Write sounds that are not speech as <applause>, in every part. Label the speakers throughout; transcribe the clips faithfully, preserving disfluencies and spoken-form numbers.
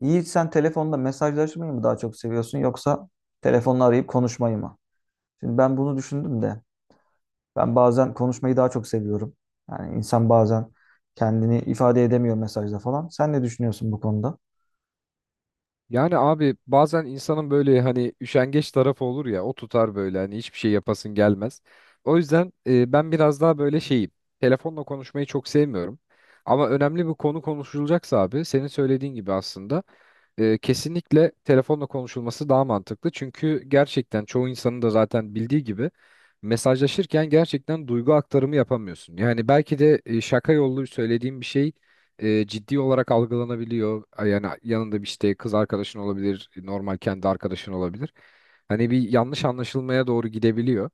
Speaker 1: Yiğit sen telefonda mesajlaşmayı mı daha çok seviyorsun yoksa telefonla arayıp konuşmayı mı? Şimdi ben bunu düşündüm de ben bazen konuşmayı daha çok seviyorum. Yani insan bazen kendini ifade edemiyor mesajda falan. Sen ne düşünüyorsun bu konuda?
Speaker 2: Yani abi bazen insanın böyle hani üşengeç tarafı olur ya o tutar böyle hani hiçbir şey yapasın gelmez. O yüzden e, ben biraz daha böyle şeyim. Telefonla konuşmayı çok sevmiyorum. Ama önemli bir konu konuşulacaksa abi senin söylediğin gibi aslında e, kesinlikle telefonla konuşulması daha mantıklı. Çünkü gerçekten çoğu insanın da zaten bildiği gibi mesajlaşırken gerçekten duygu aktarımı yapamıyorsun. Yani belki de e, şaka yollu söylediğim bir şey e, ciddi olarak algılanabiliyor. Ay, yani yanında bir işte kız arkadaşın olabilir, normal kendi arkadaşın olabilir. Hani bir yanlış anlaşılmaya doğru gidebiliyor.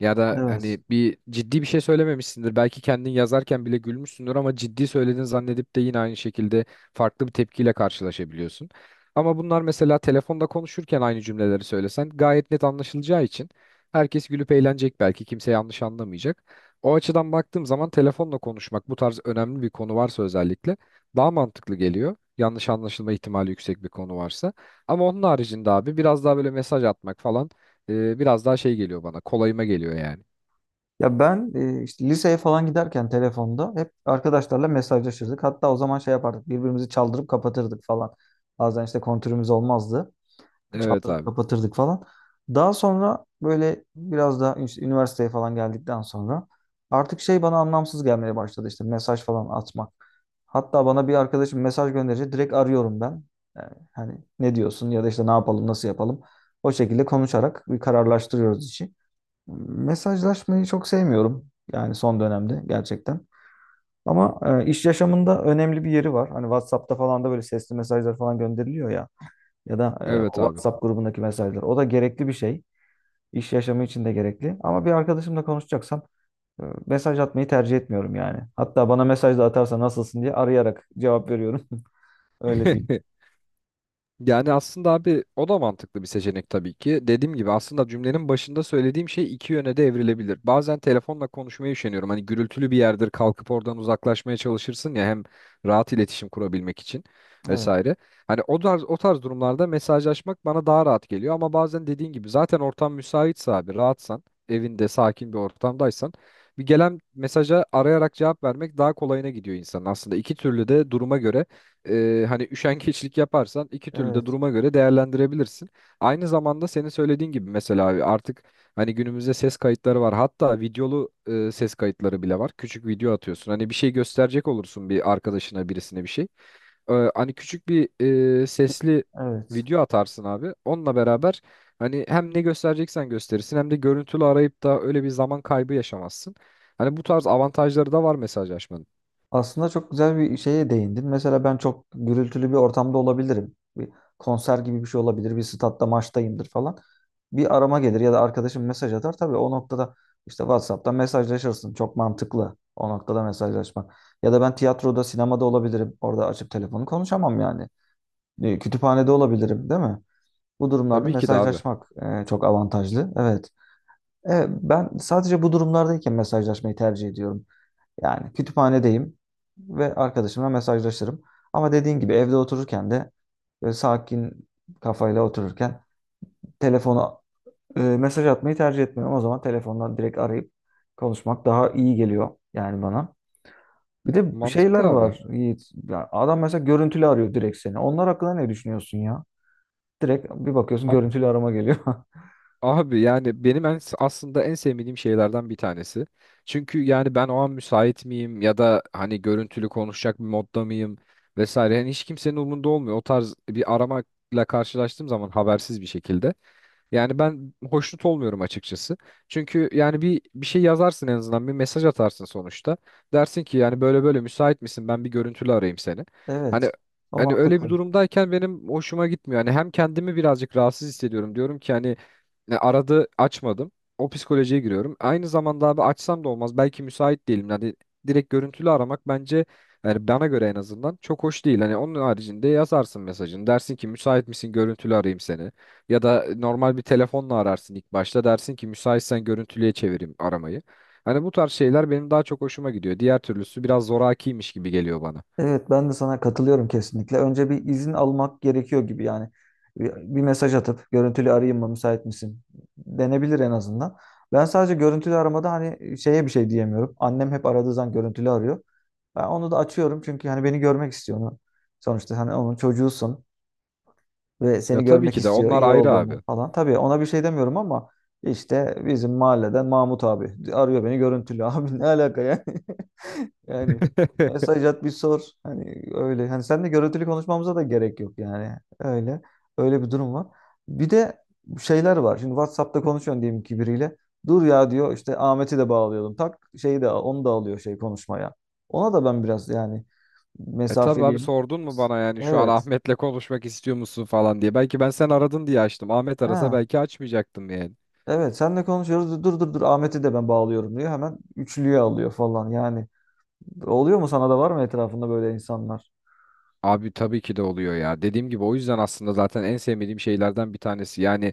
Speaker 2: Ya da
Speaker 1: Evet.
Speaker 2: hani bir ciddi bir şey söylememişsindir. Belki kendin yazarken bile gülmüşsündür ama ciddi söyledin zannedip de yine aynı şekilde farklı bir tepkiyle karşılaşabiliyorsun. Ama bunlar mesela telefonda konuşurken aynı cümleleri söylesen gayet net anlaşılacağı için herkes gülüp eğlenecek, belki kimse yanlış anlamayacak. O açıdan baktığım zaman telefonla konuşmak bu tarz önemli bir konu varsa özellikle daha mantıklı geliyor. Yanlış anlaşılma ihtimali yüksek bir konu varsa. Ama onun haricinde abi biraz daha böyle mesaj atmak falan e, biraz daha şey geliyor bana. Kolayıma geliyor yani.
Speaker 1: Ya ben e, işte liseye falan giderken telefonda hep arkadaşlarla mesajlaşırdık. Hatta o zaman şey yapardık. Birbirimizi çaldırıp kapatırdık falan. Bazen işte kontürümüz olmazdı.
Speaker 2: Evet
Speaker 1: Çaldırıp
Speaker 2: abi.
Speaker 1: kapatırdık falan. Daha sonra böyle biraz daha işte üniversiteye falan geldikten sonra artık şey bana anlamsız gelmeye başladı işte mesaj falan atmak. Hatta bana bir arkadaşım mesaj gönderince direkt arıyorum ben. Yani hani ne diyorsun ya da işte ne yapalım nasıl yapalım. O şekilde konuşarak bir kararlaştırıyoruz işi. Mesajlaşmayı çok sevmiyorum. Yani son dönemde gerçekten. Ama e, iş yaşamında önemli bir yeri var. Hani WhatsApp'ta falan da böyle sesli mesajlar falan gönderiliyor ya. Ya da e,
Speaker 2: Evet
Speaker 1: o
Speaker 2: abi.
Speaker 1: WhatsApp grubundaki mesajlar. O da gerekli bir şey. İş yaşamı için de gerekli. Ama bir arkadaşımla konuşacaksam e, mesaj atmayı tercih etmiyorum yani. Hatta bana mesaj da atarsa nasılsın diye arayarak cevap veriyorum. <laughs> Öyle diyeyim.
Speaker 2: <laughs> Yani aslında abi o da mantıklı bir seçenek tabii ki. Dediğim gibi aslında cümlenin başında söylediğim şey iki yöne de evrilebilir. Bazen telefonla konuşmaya üşeniyorum. Hani gürültülü bir yerdir, kalkıp oradan uzaklaşmaya çalışırsın ya, hem rahat iletişim kurabilmek için
Speaker 1: Evet,
Speaker 2: vesaire. Hani o tarz, o tarz durumlarda mesajlaşmak bana daha rahat geliyor. Ama bazen dediğin gibi zaten ortam müsaitse abi, rahatsan, evinde sakin bir ortamdaysan bir gelen mesaja arayarak cevap vermek daha kolayına gidiyor insanın. Aslında iki türlü de duruma göre e, hani üşengeçlik yaparsan iki türlü de
Speaker 1: evet,
Speaker 2: duruma göre değerlendirebilirsin. Aynı zamanda senin söylediğin gibi mesela abi artık hani günümüzde ses kayıtları var. Hatta videolu e, ses kayıtları bile var. Küçük video atıyorsun. Hani bir şey gösterecek olursun bir arkadaşına, birisine bir şey. E, hani küçük bir e, sesli
Speaker 1: evet.
Speaker 2: video atarsın abi. Onunla beraber hani hem ne göstereceksen gösterirsin hem de görüntülü arayıp da öyle bir zaman kaybı yaşamazsın. Hani bu tarz avantajları da var mesajlaşmanın.
Speaker 1: Aslında çok güzel bir şeye değindin. Mesela ben çok gürültülü bir ortamda olabilirim. Bir konser gibi bir şey olabilir. Bir statta maçtayımdır falan. Bir arama gelir ya da arkadaşım mesaj atar. Tabii o noktada işte WhatsApp'ta mesajlaşırsın. Çok mantıklı o noktada mesajlaşmak. Ya da ben tiyatroda, sinemada olabilirim. Orada açıp telefonu konuşamam yani. E, Kütüphanede olabilirim, değil mi? Bu durumlarda
Speaker 2: Tabii ki de abi.
Speaker 1: mesajlaşmak e, çok avantajlı. Evet. E, ben sadece bu durumlardayken mesajlaşmayı tercih ediyorum. Yani kütüphanedeyim ve arkadaşımla mesajlaşırım. Ama dediğin gibi evde otururken de böyle sakin kafayla otururken telefona e, mesaj atmayı tercih etmiyorum. O zaman telefondan direkt arayıp konuşmak daha iyi geliyor yani bana. Bir de şeyler
Speaker 2: Mantıklı abi.
Speaker 1: var Yiğit. Ya adam mesela görüntülü arıyor direkt seni. Onlar hakkında ne düşünüyorsun ya? Direkt bir bakıyorsun
Speaker 2: Abi
Speaker 1: görüntülü arama geliyor. <laughs>
Speaker 2: Abi yani benim en, aslında en sevmediğim şeylerden bir tanesi. Çünkü yani ben o an müsait miyim ya da hani görüntülü konuşacak bir modda mıyım vesaire. Yani hiç kimsenin umurunda olmuyor. O tarz bir aramayla karşılaştığım zaman habersiz bir şekilde. Yani ben hoşnut olmuyorum açıkçası. Çünkü yani bir bir şey yazarsın, en azından bir mesaj atarsın sonuçta. Dersin ki yani böyle böyle müsait misin? Ben bir görüntülü arayayım seni. Hani
Speaker 1: Evet. O
Speaker 2: hani öyle bir
Speaker 1: mantıklı.
Speaker 2: durumdayken benim hoşuma gitmiyor. Hani hem kendimi birazcık rahatsız hissediyorum. Diyorum ki hani e, aradı, açmadım. O psikolojiye giriyorum. Aynı zamanda abi açsam da olmaz. Belki müsait değilim. Hani direkt görüntülü aramak bence, yani bana göre en azından, çok hoş değil. Hani onun haricinde yazarsın mesajını. Dersin ki müsait misin? Görüntülü arayayım seni. Ya da normal bir telefonla ararsın ilk başta, dersin ki müsaitsen görüntülüye çevireyim aramayı. Hani bu tarz şeyler benim daha çok hoşuma gidiyor. Diğer türlüsü biraz zorakiymiş gibi geliyor bana.
Speaker 1: Evet ben de sana katılıyorum kesinlikle. Önce bir izin almak gerekiyor gibi yani. Bir bir mesaj atıp görüntülü arayayım mı müsait misin? Denebilir en azından. Ben sadece görüntülü aramada hani şeye bir şey diyemiyorum. Annem hep aradığı zaman görüntülü arıyor. Ben onu da açıyorum çünkü hani beni görmek istiyor onu. Sonuçta hani onun çocuğusun ve
Speaker 2: Ya
Speaker 1: seni
Speaker 2: tabii
Speaker 1: görmek
Speaker 2: ki de
Speaker 1: istiyor
Speaker 2: onlar
Speaker 1: iyi
Speaker 2: ayrı
Speaker 1: olduğunu
Speaker 2: abi.
Speaker 1: falan. Tabii ona bir şey demiyorum ama işte bizim mahalleden Mahmut abi arıyor beni görüntülü. <laughs> Abi ne alaka yani? Yani
Speaker 2: <laughs>
Speaker 1: mesaj at bir sor. Hani öyle. Hani sen de görüntülü konuşmamıza da gerek yok yani. Öyle. Öyle bir durum var. Bir de şeyler var. Şimdi WhatsApp'ta konuşuyorsun diyelim ki biriyle. Dur ya diyor işte Ahmet'i de bağlayalım. Tak şeyi de onu da alıyor şey konuşmaya. Ona da ben biraz yani
Speaker 2: E, tabii abi
Speaker 1: mesafeliyim.
Speaker 2: sordun mu bana yani şu an
Speaker 1: Evet.
Speaker 2: Ahmet'le konuşmak istiyor musun falan diye. Belki ben sen aradın diye açtım. Ahmet arasa
Speaker 1: Ha.
Speaker 2: belki açmayacaktım yani.
Speaker 1: Evet senle konuşuyoruz. Dur dur dur Ahmet'i de ben bağlıyorum diyor. Hemen üçlüye alıyor falan. Yani oluyor mu sana da var mı etrafında böyle insanlar?
Speaker 2: Abi tabii ki de oluyor ya. Dediğim gibi o yüzden aslında zaten en sevmediğim şeylerden bir tanesi. Yani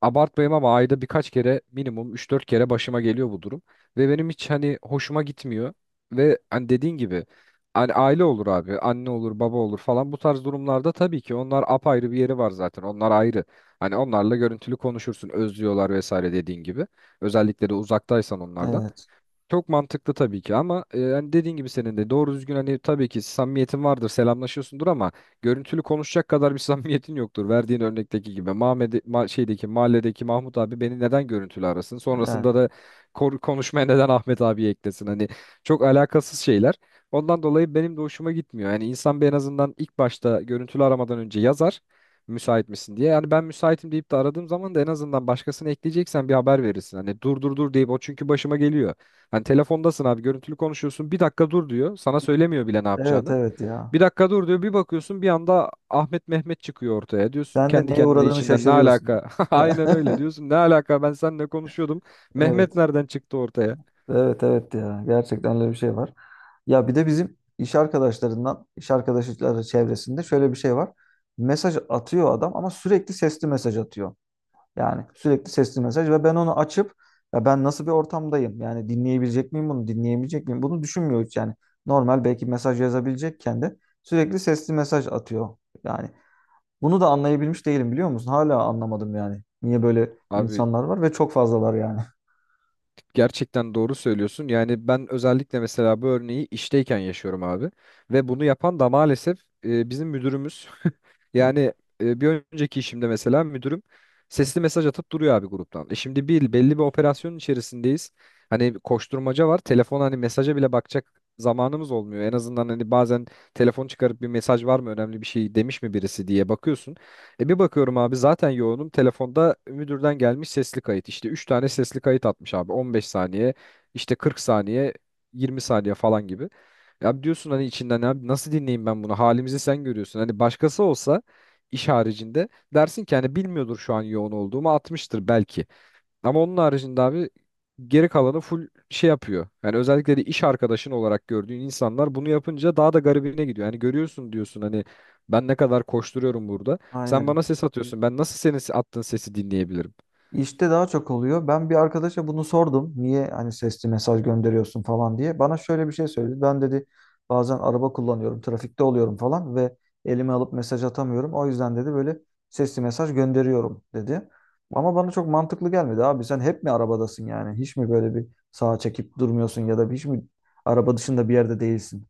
Speaker 2: abartmayayım ama ayda birkaç kere, minimum üç dört kere başıma geliyor bu durum. Ve benim hiç hani hoşuma gitmiyor. Ve hani dediğin gibi hani aile olur abi. Anne olur, baba olur falan. Bu tarz durumlarda tabii ki onlar apayrı bir yeri var zaten. Onlar ayrı. Hani onlarla görüntülü konuşursun. Özlüyorlar vesaire, dediğin gibi. Özellikle de uzaktaysan onlardan.
Speaker 1: Evet.
Speaker 2: Çok mantıklı tabii ki, ama e, hani dediğin gibi senin de doğru düzgün hani tabii ki samimiyetin vardır, selamlaşıyorsundur ama görüntülü konuşacak kadar bir <laughs> samimiyetin yoktur. Verdiğin örnekteki gibi Mahmed ma- şeydeki, mahalledeki Mahmut abi beni neden görüntülü arasın?
Speaker 1: Yani
Speaker 2: Sonrasında da kor- konuşmaya neden Ahmet abi eklesin? Hani çok alakasız şeyler. Ondan dolayı benim de hoşuma gitmiyor. Yani insan bir en azından ilk başta görüntülü aramadan önce yazar müsait misin diye. Yani ben müsaitim deyip de aradığım zaman da en azından başkasını ekleyeceksen bir haber verirsin. Hani dur dur dur deyip, o çünkü başıma geliyor. Hani telefondasın abi, görüntülü konuşuyorsun, bir dakika dur diyor. Sana söylemiyor bile ne
Speaker 1: evet
Speaker 2: yapacağını.
Speaker 1: evet ya.
Speaker 2: Bir dakika dur diyor, bir bakıyorsun bir anda Ahmet Mehmet çıkıyor ortaya. Diyorsun
Speaker 1: Sen de
Speaker 2: kendi
Speaker 1: neye
Speaker 2: kendine
Speaker 1: uğradığını
Speaker 2: içinden, ne
Speaker 1: şaşırıyorsun.
Speaker 2: alaka? <laughs> Aynen öyle
Speaker 1: <laughs>
Speaker 2: diyorsun, ne alaka, ben seninle konuşuyordum. Mehmet
Speaker 1: Evet,
Speaker 2: nereden çıktı ortaya?
Speaker 1: evet, evet ya. Gerçekten öyle bir şey var. Ya bir de bizim iş arkadaşlarından, iş arkadaşları çevresinde şöyle bir şey var. Mesaj atıyor adam ama sürekli sesli mesaj atıyor. Yani sürekli sesli mesaj ve ben onu açıp ya ben nasıl bir ortamdayım? Yani dinleyebilecek miyim bunu? Dinleyemeyecek miyim? Bunu düşünmüyor hiç yani. Normal belki mesaj yazabilecekken de sürekli sesli mesaj atıyor. Yani bunu da anlayabilmiş değilim biliyor musun? Hala anlamadım yani. Niye böyle
Speaker 2: Abi,
Speaker 1: insanlar var ve çok fazlalar yani. <laughs>
Speaker 2: gerçekten doğru söylüyorsun. Yani ben özellikle mesela bu örneği işteyken yaşıyorum abi. Ve bunu yapan da maalesef e, bizim müdürümüz. <laughs> Yani e, bir önceki işimde mesela müdürüm sesli mesaj atıp duruyor abi gruptan. E şimdi bir belli bir operasyonun içerisindeyiz. Hani koşturmaca var. Telefon hani mesaja bile bakacak zamanımız olmuyor. En azından hani bazen telefon çıkarıp bir mesaj var mı, önemli bir şey demiş mi birisi diye bakıyorsun. E bir bakıyorum abi, zaten yoğunum. Telefonda müdürden gelmiş sesli kayıt. İşte üç tane sesli kayıt atmış abi. on beş saniye, işte kırk saniye, yirmi saniye falan gibi. Ya diyorsun hani içinden, abi nasıl dinleyeyim ben bunu? Halimizi sen görüyorsun. Hani başkası olsa, iş haricinde, dersin ki hani bilmiyordur şu an yoğun olduğumu, atmıştır belki. Ama onun haricinde abi geri kalanı full şey yapıyor. Yani özellikle de iş arkadaşın olarak gördüğün insanlar bunu yapınca daha da garibine gidiyor. Yani görüyorsun, diyorsun hani ben ne kadar koşturuyorum burada. Sen
Speaker 1: Aynen.
Speaker 2: bana ses atıyorsun. Ben nasıl senin attığın sesi dinleyebilirim?
Speaker 1: İşte daha çok oluyor. Ben bir arkadaşa bunu sordum. Niye hani sesli mesaj gönderiyorsun falan diye. Bana şöyle bir şey söyledi. Ben dedi bazen araba kullanıyorum, trafikte oluyorum falan ve elime alıp mesaj atamıyorum. O yüzden dedi böyle sesli mesaj gönderiyorum dedi. Ama bana çok mantıklı gelmedi. Abi sen hep mi arabadasın yani? Hiç mi böyle bir sağa çekip durmuyorsun ya da hiç mi araba dışında bir yerde değilsin?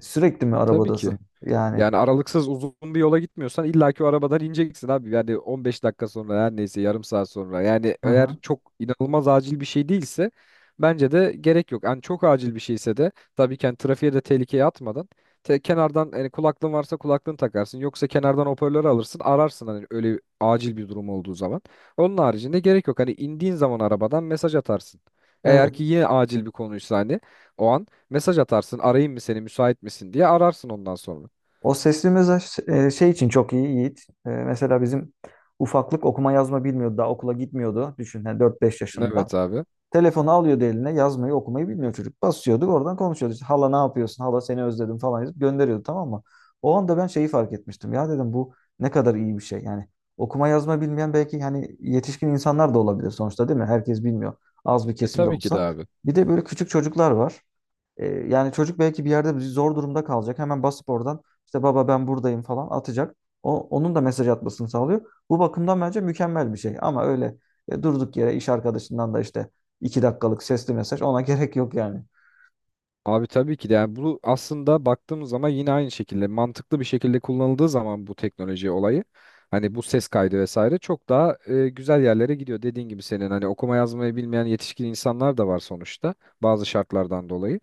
Speaker 1: Sürekli mi
Speaker 2: Tabii ki.
Speaker 1: arabadasın? Yani
Speaker 2: Yani aralıksız uzun bir yola gitmiyorsan illaki o arabadan ineceksin abi. Yani on beş dakika sonra, her neyse yarım saat sonra. Yani eğer
Speaker 1: hı
Speaker 2: çok inanılmaz acil bir şey değilse bence de gerek yok. Yani çok acil bir şeyse de tabii ki yani trafiğe de tehlikeye atmadan te- kenardan, yani kulaklığın varsa kulaklığını takarsın. Yoksa kenardan hoparlörü alırsın, ararsın hani öyle acil bir durum olduğu zaman. Onun haricinde gerek yok. Hani indiğin zaman arabadan mesaj atarsın. Eğer
Speaker 1: hı.
Speaker 2: ki yine acil bir konuysa hani o an mesaj atarsın, arayayım mı seni müsait misin diye ararsın ondan sonra.
Speaker 1: O sesli mesaj e, şey için çok iyi Yiğit. E, Mesela bizim ufaklık okuma yazma bilmiyordu. Daha okula gitmiyordu. Düşün yani dört beş yaşında.
Speaker 2: Evet abi.
Speaker 1: Telefonu alıyordu eline yazmayı okumayı bilmiyor çocuk. Basıyorduk oradan konuşuyordu. İşte, hala ne yapıyorsun? Hala seni özledim falan yazıp gönderiyordu tamam mı? O anda ben şeyi fark etmiştim. Ya dedim bu ne kadar iyi bir şey. Yani okuma yazma bilmeyen belki hani yetişkin insanlar da olabilir sonuçta değil mi? Herkes bilmiyor. Az bir
Speaker 2: E
Speaker 1: kesim de
Speaker 2: tabii ki de
Speaker 1: olsa.
Speaker 2: abi.
Speaker 1: Bir de böyle küçük çocuklar var. Ee, yani çocuk belki bir yerde zor durumda kalacak. Hemen basıp oradan işte baba ben buradayım falan atacak. O, onun da mesaj atmasını sağlıyor. Bu bakımdan bence mükemmel bir şey. Ama öyle e, durduk yere iş arkadaşından da işte iki dakikalık sesli mesaj ona gerek yok yani.
Speaker 2: Abi tabii ki de yani bu aslında baktığımız zaman yine aynı şekilde mantıklı bir şekilde kullanıldığı zaman bu teknoloji olayı, hani bu ses kaydı vesaire, çok daha e, güzel yerlere gidiyor. Dediğin gibi senin hani okuma yazmayı bilmeyen yetişkin insanlar da var sonuçta, bazı şartlardan dolayı.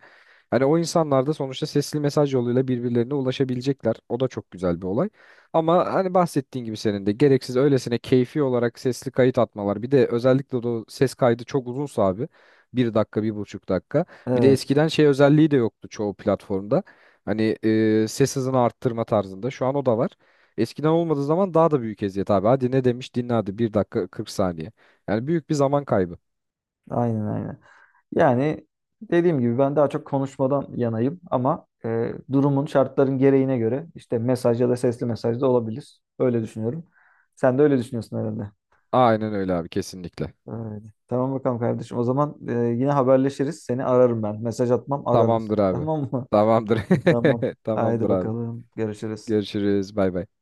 Speaker 2: Hani o insanlar da sonuçta sesli mesaj yoluyla birbirlerine ulaşabilecekler. O da çok güzel bir olay. Ama hani bahsettiğin gibi senin de gereksiz öylesine keyfi olarak sesli kayıt atmalar. Bir de özellikle de o ses kaydı çok uzunsa abi. Bir dakika, bir buçuk dakika. Bir de
Speaker 1: Evet,
Speaker 2: eskiden şey özelliği de yoktu çoğu platformda. Hani e, ses hızını arttırma tarzında. Şu an o da var. Eskiden olmadığı zaman daha da büyük eziyet abi. Hadi ne demiş dinle, hadi bir dakika kırk saniye. Yani büyük bir zaman kaybı.
Speaker 1: aynen aynen. Yani dediğim gibi ben daha çok konuşmadan yanayım ama e, durumun şartların gereğine göre işte mesaj ya da sesli mesaj da olabilir. Öyle düşünüyorum. Sen de öyle düşünüyorsun herhalde.
Speaker 2: Aynen öyle abi, kesinlikle.
Speaker 1: Öyle. Tamam bakalım kardeşim. O zaman e, yine haberleşiriz. Seni ararım ben. Mesaj atmam, ararım.
Speaker 2: Tamamdır
Speaker 1: <laughs>
Speaker 2: abi.
Speaker 1: Tamam mı?
Speaker 2: Tamamdır.
Speaker 1: Tamam.
Speaker 2: <laughs>
Speaker 1: Haydi
Speaker 2: Tamamdır abi.
Speaker 1: bakalım. Görüşürüz.
Speaker 2: Görüşürüz. Bay bay.